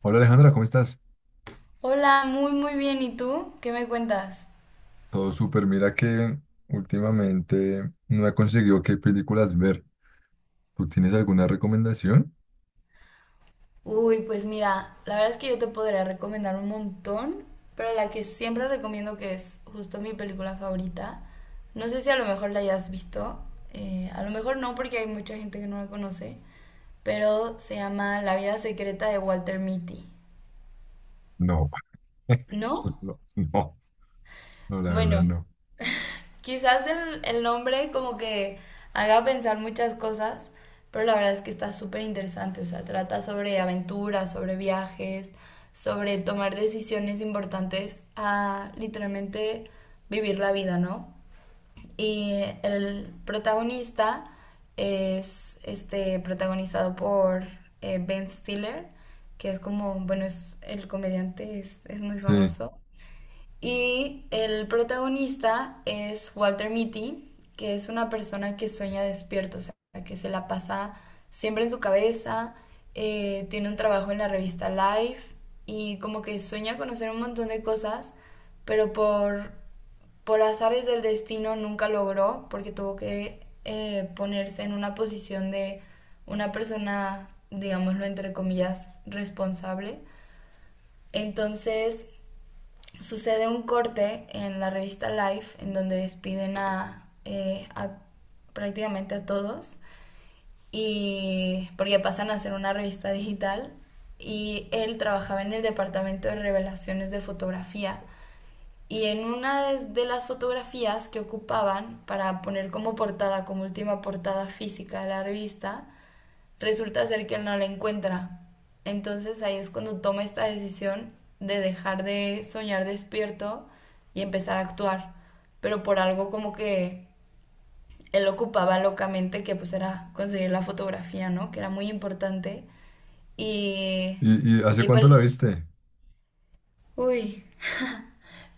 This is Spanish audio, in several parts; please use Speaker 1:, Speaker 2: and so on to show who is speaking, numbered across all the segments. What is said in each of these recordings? Speaker 1: Hola Alejandra, ¿cómo estás?
Speaker 2: Hola, muy muy bien. ¿Y tú? ¿Qué me cuentas?
Speaker 1: Todo súper. Mira que últimamente no he conseguido qué películas ver. ¿Tú tienes alguna recomendación?
Speaker 2: Uy, pues mira, la verdad es que yo te podría recomendar un montón, pero la que siempre recomiendo que es justo mi película favorita. No sé si a lo mejor la hayas visto, a lo mejor no porque hay mucha gente que no la conoce, pero se llama La vida secreta de Walter Mitty.
Speaker 1: No,
Speaker 2: ¿No?
Speaker 1: no, no, no, la verdad
Speaker 2: Bueno,
Speaker 1: no.
Speaker 2: quizás el nombre como que haga pensar muchas cosas, pero la verdad es que está súper interesante, o sea, trata sobre aventuras, sobre viajes, sobre tomar decisiones importantes a literalmente vivir la vida, ¿no? Y el protagonista es este, protagonizado por Ben Stiller, que es como, bueno, es el comediante, es muy
Speaker 1: Sí.
Speaker 2: famoso. Y el protagonista es Walter Mitty, que es una persona que sueña despierto, o sea, que se la pasa siempre en su cabeza, tiene un trabajo en la revista Life y como que sueña conocer un montón de cosas, pero por azares del destino nunca logró porque tuvo que ponerse en una posición de una persona, digámoslo entre comillas, responsable. Entonces sucede un corte en la revista Life en donde despiden a prácticamente a todos y porque pasan a ser una revista digital y él trabajaba en el departamento de revelaciones de fotografía y en una de las fotografías que ocupaban para poner como portada, como última portada física de la revista, resulta ser que no la encuentra. Entonces ahí es cuando toma esta decisión de dejar de soñar despierto y empezar a actuar, pero por algo como que él ocupaba locamente que pues era conseguir la fotografía, ¿no? Que era muy importante y
Speaker 1: ¿Y hace
Speaker 2: y pues
Speaker 1: cuánto la viste?
Speaker 2: uy,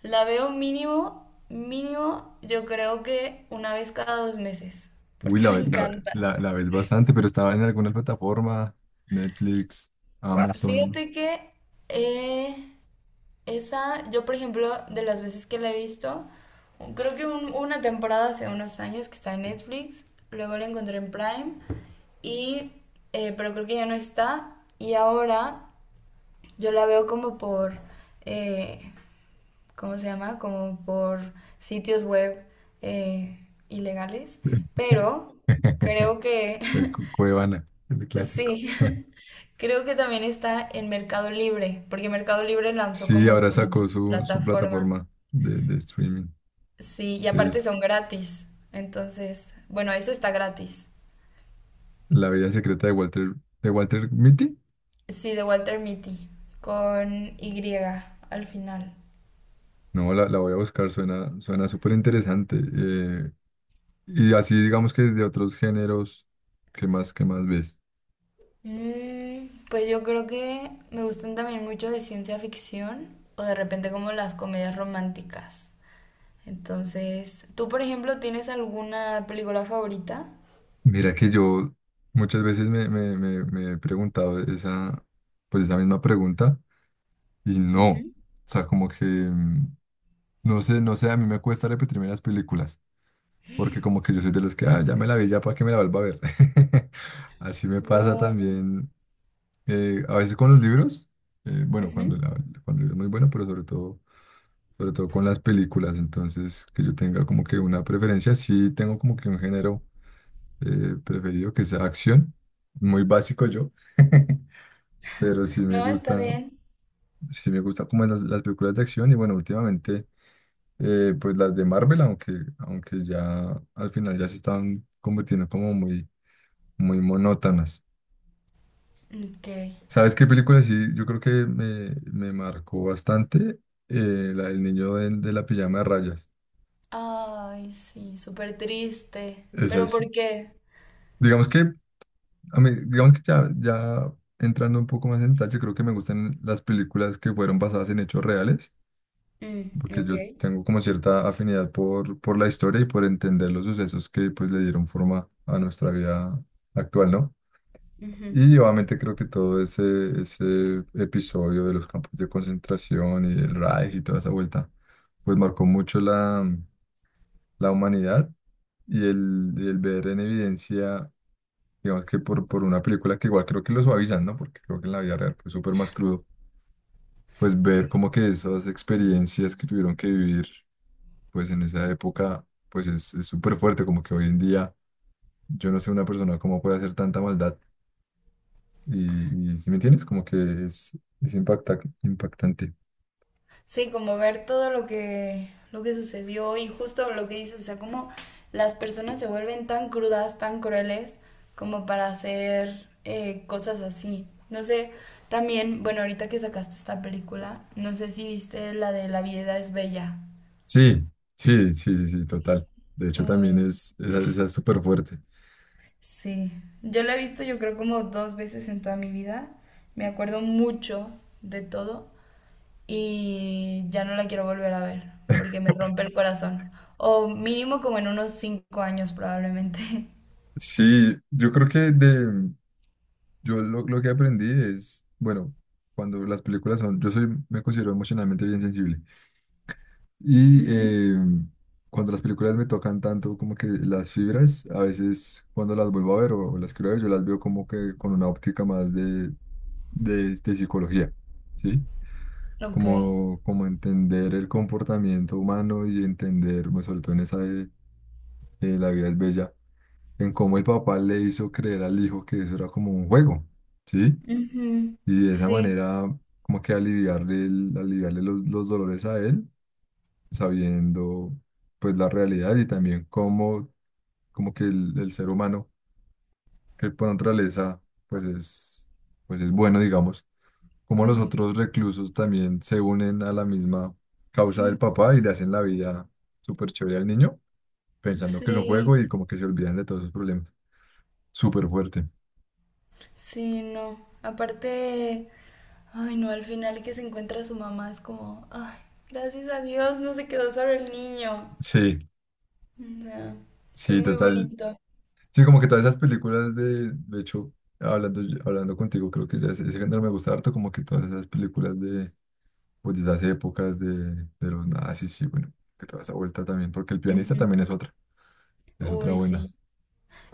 Speaker 2: la veo mínimo mínimo yo creo que una vez cada 2 meses,
Speaker 1: Uy,
Speaker 2: porque
Speaker 1: la,
Speaker 2: me
Speaker 1: la,
Speaker 2: encanta.
Speaker 1: la ves bastante, pero estaba en alguna plataforma, Netflix, Amazon,
Speaker 2: Fíjate que eh, Esa, yo por ejemplo, de las veces que la he visto, creo que una temporada hace unos años que está en Netflix, luego la encontré en Prime, y, pero creo que ya no está, y ahora yo la veo como por, eh, ¿cómo se llama? Como por sitios web eh, ilegales, pero creo que,
Speaker 1: el Cuevana, el clásico.
Speaker 2: sí, creo que también está en Mercado Libre, porque Mercado Libre lanzó
Speaker 1: Sí,
Speaker 2: como
Speaker 1: ahora
Speaker 2: su
Speaker 1: sacó su
Speaker 2: plataforma.
Speaker 1: plataforma de streaming.
Speaker 2: Sí, y
Speaker 1: Sí,
Speaker 2: aparte son gratis. Entonces, bueno, eso está gratis.
Speaker 1: La vida secreta de Walter Mitty.
Speaker 2: Sí, de Walter Mitty, con Y al final.
Speaker 1: No, la voy a buscar, suena, suena súper interesante. Y así digamos que de otros géneros, qué más ves?
Speaker 2: Mm, pues yo creo que me gustan también mucho de ciencia ficción o de repente como las comedias románticas. Entonces, ¿tú, por ejemplo, tienes alguna película favorita?
Speaker 1: Mira que yo muchas veces me he preguntado esa, pues esa misma pregunta y no, o
Speaker 2: Ujú.
Speaker 1: sea, como que, no sé, no sé, a mí me cuesta repetirme las películas, porque como que yo soy de los que, ah, ya me la vi, ya para que me la vuelva a ver. Así me pasa
Speaker 2: Guau.
Speaker 1: también. A veces con los libros, bueno, cuando,
Speaker 2: Ujú.
Speaker 1: la, cuando es muy bueno, pero sobre todo con las películas, entonces que yo tenga como que una preferencia, sí tengo como que un género preferido que sea acción, muy básico yo, pero
Speaker 2: No, está bien.
Speaker 1: sí me gusta como las películas de acción y bueno, últimamente pues las de Marvel, aunque, aunque ya al final ya se están convirtiendo como muy, muy monótonas.
Speaker 2: Ok.
Speaker 1: ¿Sabes qué película sí? Yo creo que me marcó bastante la del niño de la pijama de rayas.
Speaker 2: Ay, sí, súper triste.
Speaker 1: Esa
Speaker 2: ¿Pero
Speaker 1: es,
Speaker 2: por qué?
Speaker 1: digamos que, a mí, digamos que ya, ya entrando un poco más en detalle, yo creo que me gustan las películas que fueron basadas en hechos reales,
Speaker 2: Mm,
Speaker 1: porque
Speaker 2: ok.
Speaker 1: yo tengo como cierta afinidad por la historia y por entender los sucesos que pues le dieron forma a nuestra vida actual, ¿no?
Speaker 2: Ujú.
Speaker 1: Y obviamente creo que todo ese, ese episodio de los campos de concentración y el Reich y toda esa vuelta, pues marcó mucho la, la humanidad y el ver en evidencia, digamos que por una película que igual creo que lo suavizan, ¿no? Porque creo que en la vida real fue súper más crudo, pues ver
Speaker 2: Sí.
Speaker 1: como que esas experiencias que tuvieron que vivir, pues en esa época, pues es súper fuerte, como que hoy en día yo no sé una persona cómo puede hacer tanta maldad. Y si me entiendes, como que es impacta, impactante.
Speaker 2: Sí, como ver todo lo que, sucedió y justo lo que dices, o sea, como las personas se vuelven tan crudas, tan crueles, como para hacer cosas así. No sé, también, bueno, ahorita que sacaste esta película, no sé si viste la de La vida es bella.
Speaker 1: Sí, sí, sí, sí, sí, total. De hecho, también
Speaker 2: Muy,
Speaker 1: es, esa es súper fuerte.
Speaker 2: sí. Yo la he visto, yo creo, como 2 veces en toda mi vida. Me acuerdo mucho de todo, y ya no la quiero volver a ver porque me rompe el corazón. O mínimo como en unos 5 años probablemente.
Speaker 1: Sí, yo creo que de, yo lo que aprendí es, bueno, cuando las películas son, yo soy, me considero emocionalmente bien sensible. Y
Speaker 2: Ujú,
Speaker 1: cuando las películas me tocan tanto como que las fibras, a veces cuando las vuelvo a ver o las quiero ver, yo las veo como que con una óptica más de, de psicología, ¿sí?
Speaker 2: ok.
Speaker 1: Como, como entender el comportamiento humano y entender, me sobre todo en esa de La vida es bella, en cómo el papá le hizo creer al hijo que eso era como un juego, ¿sí?
Speaker 2: Ujú.
Speaker 1: Y de esa
Speaker 2: Sí.
Speaker 1: manera, como que aliviarle, aliviarle los dolores a él, sabiendo pues la realidad y también cómo, como que el ser humano, que por naturaleza, pues es, pues es bueno, digamos cómo los
Speaker 2: Ujú.
Speaker 1: otros reclusos también se unen a la misma causa del papá y le hacen la vida súper chévere al niño, pensando que es un
Speaker 2: Sí,
Speaker 1: juego y como que se olvidan de todos sus problemas. Súper fuerte.
Speaker 2: sí, no. Aparte, ay no, al final que se encuentra su mamá es como, ay, gracias a Dios no se quedó solo el niño.
Speaker 1: Sí,
Speaker 2: O sea, fue
Speaker 1: sí,
Speaker 2: muy
Speaker 1: total.
Speaker 2: bonito.
Speaker 1: Sí, como que todas esas películas de hecho, hablando, hablando contigo, creo que ya ese género me gusta harto, como que todas esas películas de, pues, de esas épocas de los nazis, sí, bueno, que toda esa vuelta también, porque el pianista
Speaker 2: Ujú.
Speaker 1: también es otra
Speaker 2: Uy,
Speaker 1: buena.
Speaker 2: sí.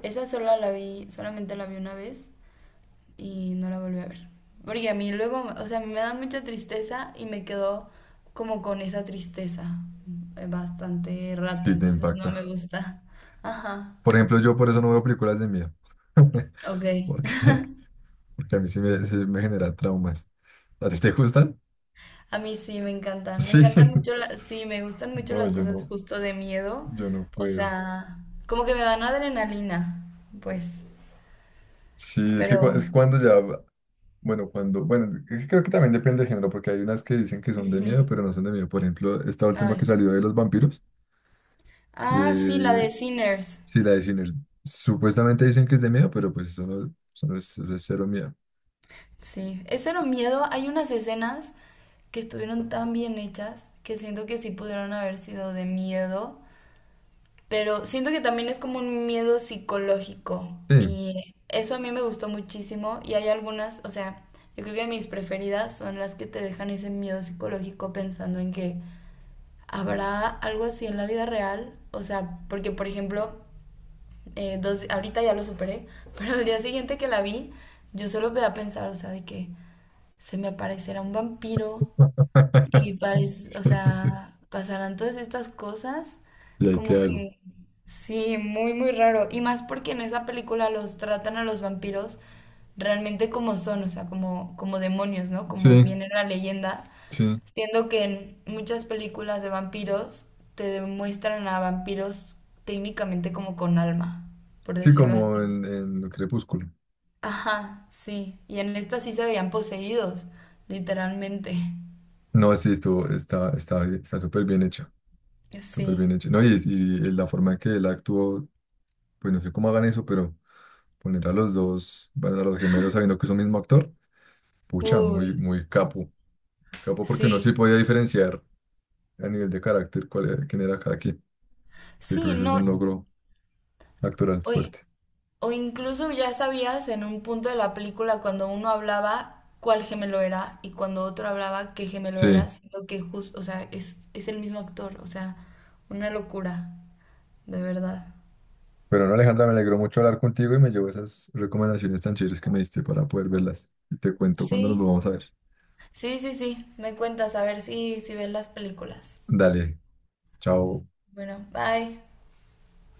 Speaker 2: Esa sola la vi, solamente la vi una vez y no la volví a ver. Porque a mí luego, o sea, me da mucha tristeza y me quedo como con esa tristeza bastante rato,
Speaker 1: Sí, te
Speaker 2: entonces no
Speaker 1: impacta.
Speaker 2: me gusta. Ajá.
Speaker 1: Por ejemplo, yo por eso no veo películas de miedo.
Speaker 2: Ok.
Speaker 1: Porque, porque a mí sí me genera traumas. ¿A ti te gustan?
Speaker 2: A mí sí me encantan. Me
Speaker 1: Sí.
Speaker 2: encantan mucho las, sí, me gustan mucho
Speaker 1: No,
Speaker 2: las
Speaker 1: yo
Speaker 2: cosas
Speaker 1: no,
Speaker 2: justo de miedo.
Speaker 1: yo no
Speaker 2: O
Speaker 1: puedo.
Speaker 2: sea, como que me dan adrenalina, pues.
Speaker 1: Sí, es
Speaker 2: Pero
Speaker 1: que, es que cuando ya, bueno, cuando, bueno, es que creo que también depende del género, porque hay unas que dicen que son de
Speaker 2: ujú.
Speaker 1: miedo, pero no son de miedo. Por ejemplo, esta última
Speaker 2: Ay,
Speaker 1: que
Speaker 2: sí.
Speaker 1: salió de los vampiros,
Speaker 2: Ah, sí, la
Speaker 1: eh,
Speaker 2: de Sinners.
Speaker 1: sí, la de Sinners, supuestamente dicen que es de miedo, pero pues eso no es, eso es cero miedo.
Speaker 2: Sí, ese era un miedo. Hay unas escenas que estuvieron tan bien hechas que siento que sí pudieron haber sido de miedo, pero siento que también es como un miedo psicológico
Speaker 1: Sí.
Speaker 2: y eso a mí me gustó muchísimo y hay algunas, o sea, yo creo que mis preferidas son las que te dejan ese miedo psicológico pensando en que habrá algo así en la vida real, o sea, porque por ejemplo, dos, ahorita ya lo superé, pero el día siguiente que la vi, yo solo me da a pensar, o sea, de que se me aparecerá un vampiro y parece, o sea, pasarán todas estas cosas,
Speaker 1: ¿Y ahí qué
Speaker 2: como
Speaker 1: hago?
Speaker 2: que sí, muy, muy raro. Y más porque en esa película los tratan a los vampiros realmente como son, o sea, como demonios, ¿no? Como
Speaker 1: Sí,
Speaker 2: viene la leyenda.
Speaker 1: sí.
Speaker 2: Siendo que en muchas películas de vampiros te demuestran a vampiros técnicamente como con alma, por
Speaker 1: Sí,
Speaker 2: decirlo
Speaker 1: como
Speaker 2: así.
Speaker 1: en Crepúsculo.
Speaker 2: Ajá, sí. Y en esta sí se veían poseídos, literalmente.
Speaker 1: No, sí, estuvo, está, está, está súper bien hecha, súper
Speaker 2: Sí.
Speaker 1: bien hecha. No, y la forma en que él actuó, pues no sé cómo hagan eso, pero poner a los dos, bueno, a los gemelos sabiendo que es un mismo actor, pucha, muy,
Speaker 2: Uy,
Speaker 1: muy capo, porque uno sí
Speaker 2: sí.
Speaker 1: podía diferenciar a nivel de carácter cuál quién era cada quien, que creo
Speaker 2: Sí,
Speaker 1: que eso es
Speaker 2: no,
Speaker 1: un logro actoral
Speaker 2: o,
Speaker 1: fuerte.
Speaker 2: o incluso ya sabías en un punto de la película cuando uno hablaba cuál gemelo era y cuando otro hablaba qué gemelo era,
Speaker 1: Sí,
Speaker 2: siendo que justo, o sea, es el mismo actor, o sea, una locura, de verdad.
Speaker 1: pero no, Alejandra, me alegró mucho hablar contigo y me llevo esas recomendaciones tan chéveres que me diste para poder verlas. Y te cuento cuando nos
Speaker 2: Sí,
Speaker 1: volvamos a ver.
Speaker 2: sí, sí, sí, me cuentas a ver si ves las películas.
Speaker 1: Dale, chao.
Speaker 2: Bueno, bye.